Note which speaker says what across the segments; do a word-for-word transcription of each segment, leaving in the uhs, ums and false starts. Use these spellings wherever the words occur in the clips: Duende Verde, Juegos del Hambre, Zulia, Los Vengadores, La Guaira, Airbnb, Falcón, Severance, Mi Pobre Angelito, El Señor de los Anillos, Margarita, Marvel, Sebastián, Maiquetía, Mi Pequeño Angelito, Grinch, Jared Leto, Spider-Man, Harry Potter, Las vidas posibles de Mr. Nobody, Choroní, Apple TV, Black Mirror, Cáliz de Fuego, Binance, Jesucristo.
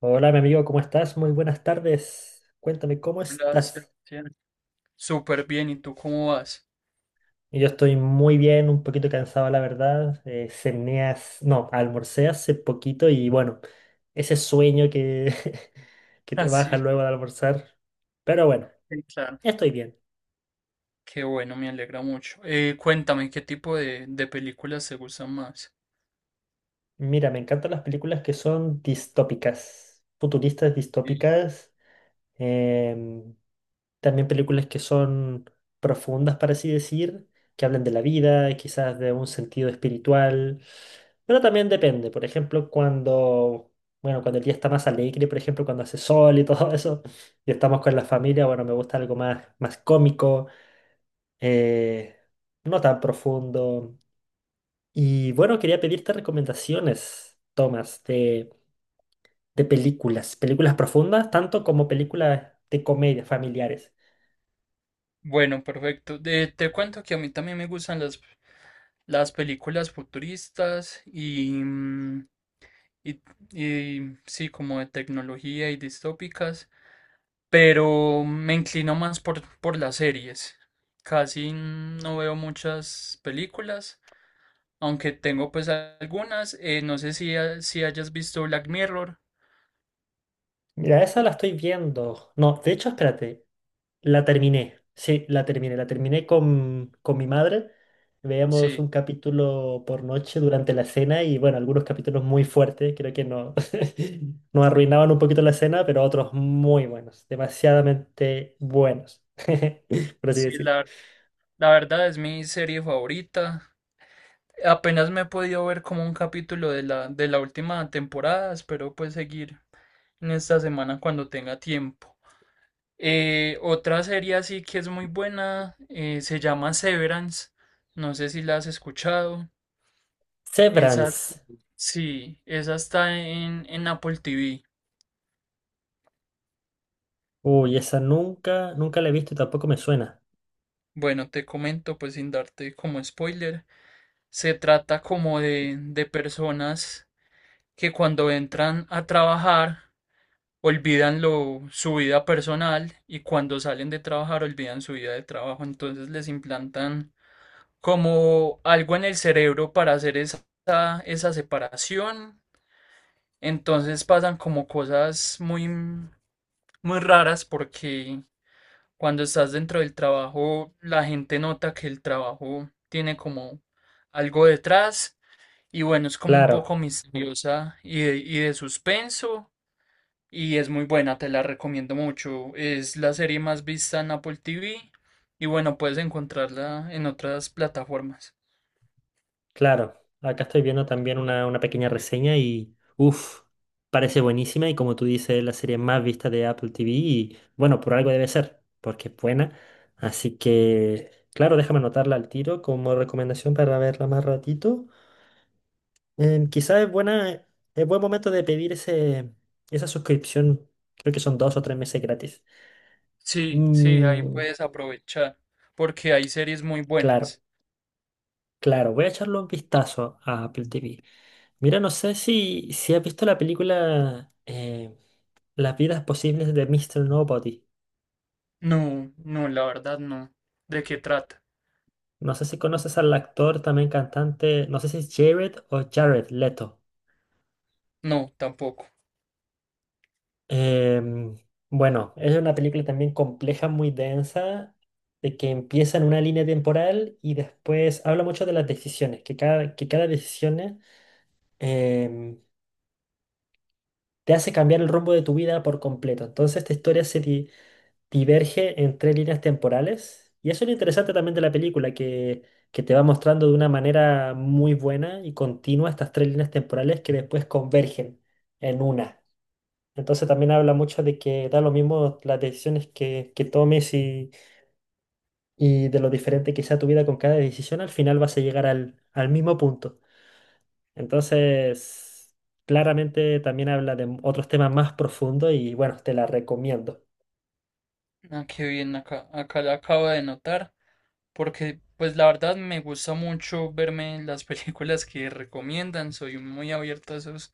Speaker 1: Hola, mi amigo, ¿cómo estás? Muy buenas tardes. Cuéntame, ¿cómo
Speaker 2: Hola,
Speaker 1: estás?
Speaker 2: Sebastián. Súper bien, ¿y tú cómo vas?
Speaker 1: Y Yo estoy muy bien, un poquito cansado, la verdad. Eh, cené hace- no, almorcé hace poquito y bueno, ese sueño que, que te baja
Speaker 2: Así,
Speaker 1: luego de almorzar. Pero bueno,
Speaker 2: claro.
Speaker 1: estoy bien.
Speaker 2: Qué bueno, me alegra mucho. Eh, cuéntame, ¿qué tipo de, de películas te gustan más?
Speaker 1: Mira, me encantan las películas que son distópicas, futuristas
Speaker 2: Sí.
Speaker 1: distópicas. Em, También películas que son profundas, para así decir, que hablan de la vida, quizás de un sentido espiritual. Pero también depende. Por ejemplo, cuando, bueno, cuando el día está más alegre, por ejemplo, cuando hace sol y todo eso, y estamos con la familia, bueno, me gusta algo más, más cómico, eh, no tan profundo. Y bueno, quería pedirte recomendaciones, Tomás, de, de películas, películas profundas, tanto como películas de comedia familiares.
Speaker 2: Bueno, perfecto. De- te cuento que a mí también me gustan las, las películas futuristas y, mm, y, y sí, como de tecnología y distópicas, pero me inclino más por, por las series. Casi no veo muchas películas. Aunque tengo pues algunas, eh, no sé si, ha- si hayas visto Black Mirror.
Speaker 1: Mira, esa la estoy viendo. No, de hecho, espérate, la terminé. Sí, la terminé. La terminé con, con mi madre. Veíamos
Speaker 2: Sí,
Speaker 1: un capítulo por noche durante la cena y bueno, algunos capítulos muy fuertes, creo que no, nos
Speaker 2: sí,
Speaker 1: arruinaban un poquito la cena, pero otros muy buenos, demasiadamente buenos, por así
Speaker 2: sí,
Speaker 1: decir.
Speaker 2: la, la verdad es mi serie favorita. Apenas me he podido ver como un capítulo de la, de la última temporada, espero pues seguir en esta semana cuando tenga tiempo. Eh, otra serie así que es muy buena, eh, se llama Severance, no sé si la has escuchado. Esa,
Speaker 1: Severance.
Speaker 2: sí, esa está en, en Apple T V.
Speaker 1: Uy, esa nunca, nunca la he visto y tampoco me suena.
Speaker 2: Bueno, te comento pues sin darte como spoiler. Se trata como de, de personas que cuando entran a trabajar olvidan lo, su vida personal y cuando salen de trabajar olvidan su vida de trabajo. Entonces les implantan como algo en el cerebro para hacer esa, esa separación. Entonces pasan como cosas muy, muy raras porque cuando estás dentro del trabajo la gente nota que el trabajo tiene como algo detrás. Y bueno, es como un poco
Speaker 1: Claro.
Speaker 2: misteriosa y de, y de suspenso. Y es muy buena, te la recomiendo mucho. Es la serie más vista en Apple T V. Y bueno, puedes encontrarla en otras plataformas.
Speaker 1: Claro, acá estoy viendo también una, una pequeña reseña y, uff, parece buenísima y como tú dices, es la serie más vista de Apple T V y bueno, por algo debe ser, porque es buena. Así que, claro, déjame anotarla al tiro como recomendación para verla más ratito. Em, quizás es buena, es buen momento de pedir ese, esa suscripción, creo que son dos o tres meses gratis.
Speaker 2: Sí, sí, ahí
Speaker 1: Mm,
Speaker 2: puedes aprovechar. Porque hay series muy
Speaker 1: claro,
Speaker 2: buenas.
Speaker 1: claro, voy a echarle un vistazo a Apple T V. Mira, no sé si, si has visto la película eh, Las vidas posibles de míster Nobody.
Speaker 2: No, no, la verdad no. ¿De qué trata?
Speaker 1: No sé si conoces al actor, también cantante, no sé si es Jared o Jared Leto.
Speaker 2: No, tampoco.
Speaker 1: Em, bueno, es una película también compleja, muy densa, de que empieza en una línea temporal y después habla mucho de las decisiones, que cada, que cada decisión em, te hace cambiar el rumbo de tu vida por completo. Entonces esta historia se, di- diverge en tres líneas temporales. Y eso es lo interesante también de la película, que, que te va mostrando de una manera muy buena y continua estas tres líneas temporales que después convergen en una. Entonces también habla mucho de que da lo mismo las decisiones que, que tomes y, y de lo diferente que sea tu vida con cada decisión, al final vas a llegar al, al mismo punto. Entonces, claramente también habla de otros temas más profundos y bueno, te la recomiendo.
Speaker 2: Ah, qué bien, acá, acá la acabo de notar. Porque, pues la verdad me gusta mucho verme las películas que recomiendan. Soy muy abierto a esos.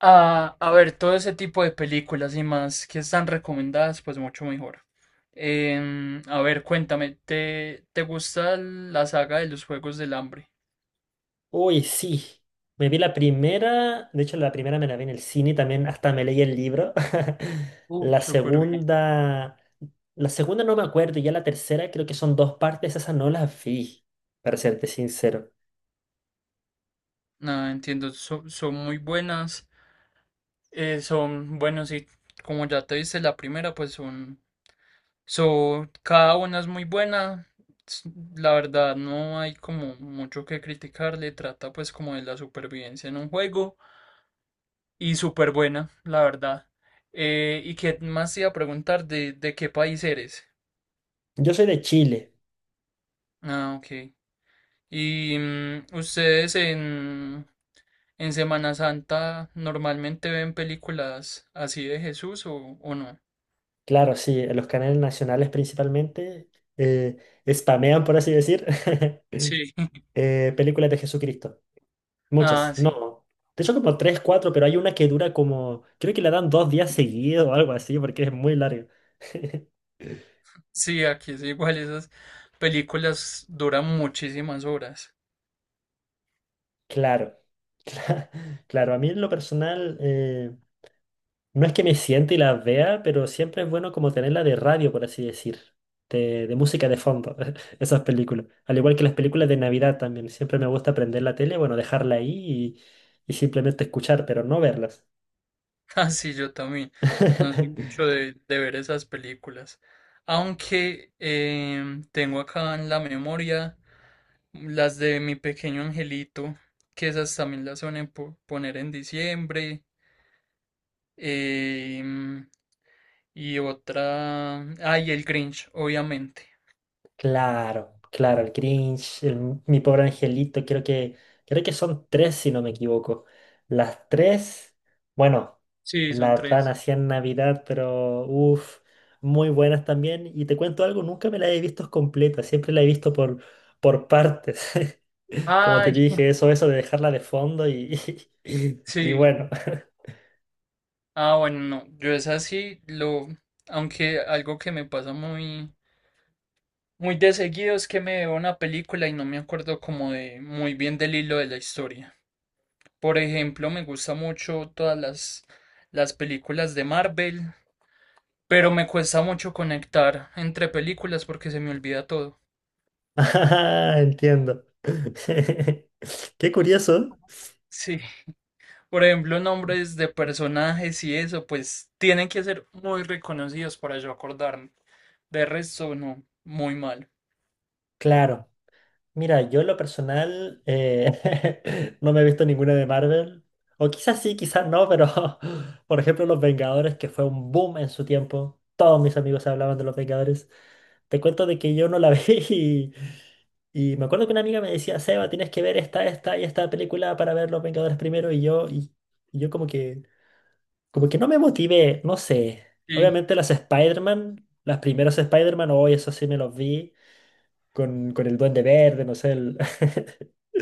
Speaker 2: A, a ver, todo ese tipo de películas y más que están recomendadas, pues mucho mejor. Em, a ver, cuéntame, ¿te, te gusta la saga de los Juegos del Hambre?
Speaker 1: Uy, sí. Me vi la primera, de hecho la primera me la vi en el cine también, hasta me leí el libro.
Speaker 2: Uh,
Speaker 1: La
Speaker 2: súper bien.
Speaker 1: segunda, la segunda no me acuerdo, y ya la tercera creo que son dos partes, esas no las vi, para serte sincero.
Speaker 2: Nada, entiendo, so- son muy buenas. Eh, son, bueno, sí, como ya te viste la primera, pues son... So, cada una es muy buena. s- La verdad, no hay como mucho que criticarle. Trata pues como de la supervivencia en un juego. Y súper buena, la verdad. Eh, ¿y qué más te iba a preguntar? ¿De, de qué país eres?
Speaker 1: Yo soy de Chile,
Speaker 2: Ah, ok. ¿Y mm, ustedes en, en Semana Santa normalmente ven películas así de Jesús o, o no?
Speaker 1: claro, sí, en los canales nacionales principalmente eh, spamean, por así decir,
Speaker 2: Sí.
Speaker 1: eh, películas de Jesucristo. Muchas,
Speaker 2: Ah, sí.
Speaker 1: no. De hecho como tres, cuatro, pero hay una que dura como, creo que la dan dos días seguidos o algo así, porque es muy larga.
Speaker 2: Sí, aquí es igual. Esas películas duran muchísimas horas.
Speaker 1: Claro, cla- claro, a mí en lo personal eh, no es que me siente y las vea, pero siempre es bueno como tenerla de radio, por así decir, de, de música de fondo, esas películas. Al igual que las películas de Navidad también, siempre me gusta prender la tele, bueno, dejarla ahí y, y simplemente escuchar, pero no verlas.
Speaker 2: Ah, sí, yo también. No soy mucho de, de ver esas películas. Aunque em, tengo acá en la memoria las de Mi Pequeño Angelito, que esas también las suelen po- poner en diciembre. Em, y otra. Ay, el Grinch, obviamente.
Speaker 1: Claro, claro, el Grinch, el Mi Pobre Angelito, creo que, creo que son tres si no me equivoco. Las tres, bueno,
Speaker 2: Sí, son
Speaker 1: la dan
Speaker 2: tres.
Speaker 1: así en Navidad, pero uff, muy buenas también. Y te cuento algo, nunca me la he visto completa, siempre la he visto por, por partes. Como te
Speaker 2: Ay,
Speaker 1: dije, eso, eso de dejarla de fondo y, y y
Speaker 2: sí.
Speaker 1: bueno.
Speaker 2: Ah, bueno, no. Yo es así, lo. Aunque algo que me pasa muy. Muy de seguido es que me veo una película y no me acuerdo como de muy bien del hilo de la historia. Por ejemplo, me gusta mucho todas las, las películas de Marvel, pero me cuesta mucho conectar entre películas porque se me olvida todo.
Speaker 1: Ah, entiendo. Qué curioso.
Speaker 2: Sí, por ejemplo, nombres de personajes y eso, pues tienen que ser muy reconocidos para yo acordarme. De resto, no, muy mal.
Speaker 1: Claro. Mira, yo en lo personal eh, no me he visto ninguna de Marvel. O quizás sí, quizás no, pero por ejemplo Los Vengadores, que fue un boom en su tiempo. Todos mis amigos hablaban de Los Vengadores. Te cuento de que yo no la vi y, y me acuerdo que una amiga me decía, Seba, tienes que ver esta, esta y esta película para ver Los Vengadores primero. Y yo, y, y yo como que, como que no me motivé, no sé.
Speaker 2: Sí.
Speaker 1: Obviamente las Spider-Man, las primeras Spider-Man, hoy eso sí me los vi con, con el Duende Verde, no sé, el...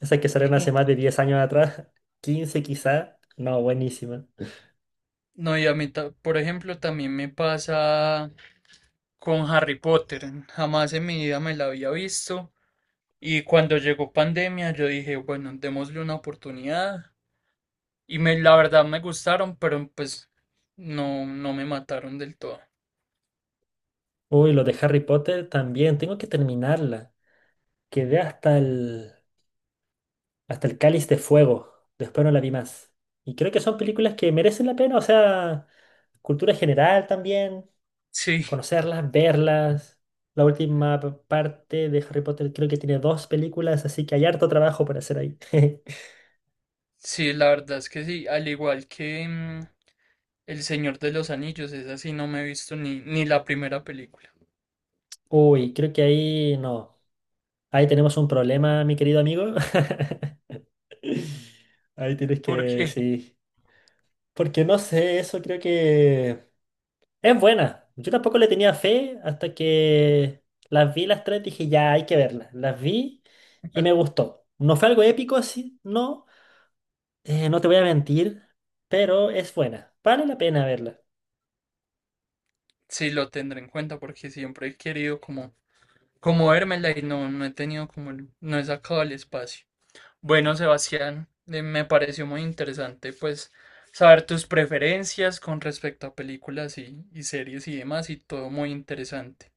Speaker 1: esas que salieron hace más de diez años atrás, quince quizá, no, buenísima.
Speaker 2: No, y a mí, ta- por ejemplo, también me pasa con Harry Potter. Jamás en mi vida me la había visto. Y cuando llegó pandemia, yo dije, bueno, démosle una oportunidad. Y me, la verdad me gustaron, pero pues no, no me mataron del todo.
Speaker 1: Uy, lo de Harry Potter también, tengo que terminarla. Quedé hasta el, hasta el Cáliz de Fuego, después no la vi más. Y creo que son películas que merecen la pena, o sea, cultura general también,
Speaker 2: Sí,
Speaker 1: conocerlas, verlas. La última p- parte de Harry Potter creo que tiene dos películas, así que hay harto trabajo para hacer ahí.
Speaker 2: sí, la verdad es que sí. Al igual que mm, El Señor de los Anillos, esa sí no me he visto ni, ni la primera película.
Speaker 1: Uy, creo que ahí no. Ahí tenemos un problema, mi querido amigo. Ahí tienes que,
Speaker 2: Porque
Speaker 1: sí. Porque no sé, eso creo que es buena. Yo tampoco le tenía fe hasta que las vi las tres, dije, ya hay que verlas. Las vi y me gustó. No fue algo épico, así no. Eh, no te voy a mentir, pero es buena. Vale la pena verla.
Speaker 2: sí lo tendré en cuenta, porque siempre he querido como, como vérmela y no, no he tenido como, el- no he sacado el espacio. Bueno, Sebastián, eh, me pareció muy interesante pues saber tus preferencias con respecto a películas y, y series y demás y todo muy interesante.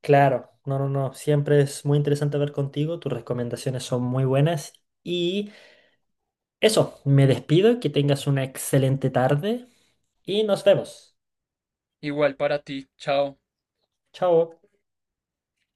Speaker 1: Claro, no, no, no. Siempre es muy interesante ver contigo. Tus recomendaciones son muy buenas. Y eso, me despido. Que tengas una excelente tarde. Y nos vemos.
Speaker 2: Igual para ti, chao.
Speaker 1: Chao.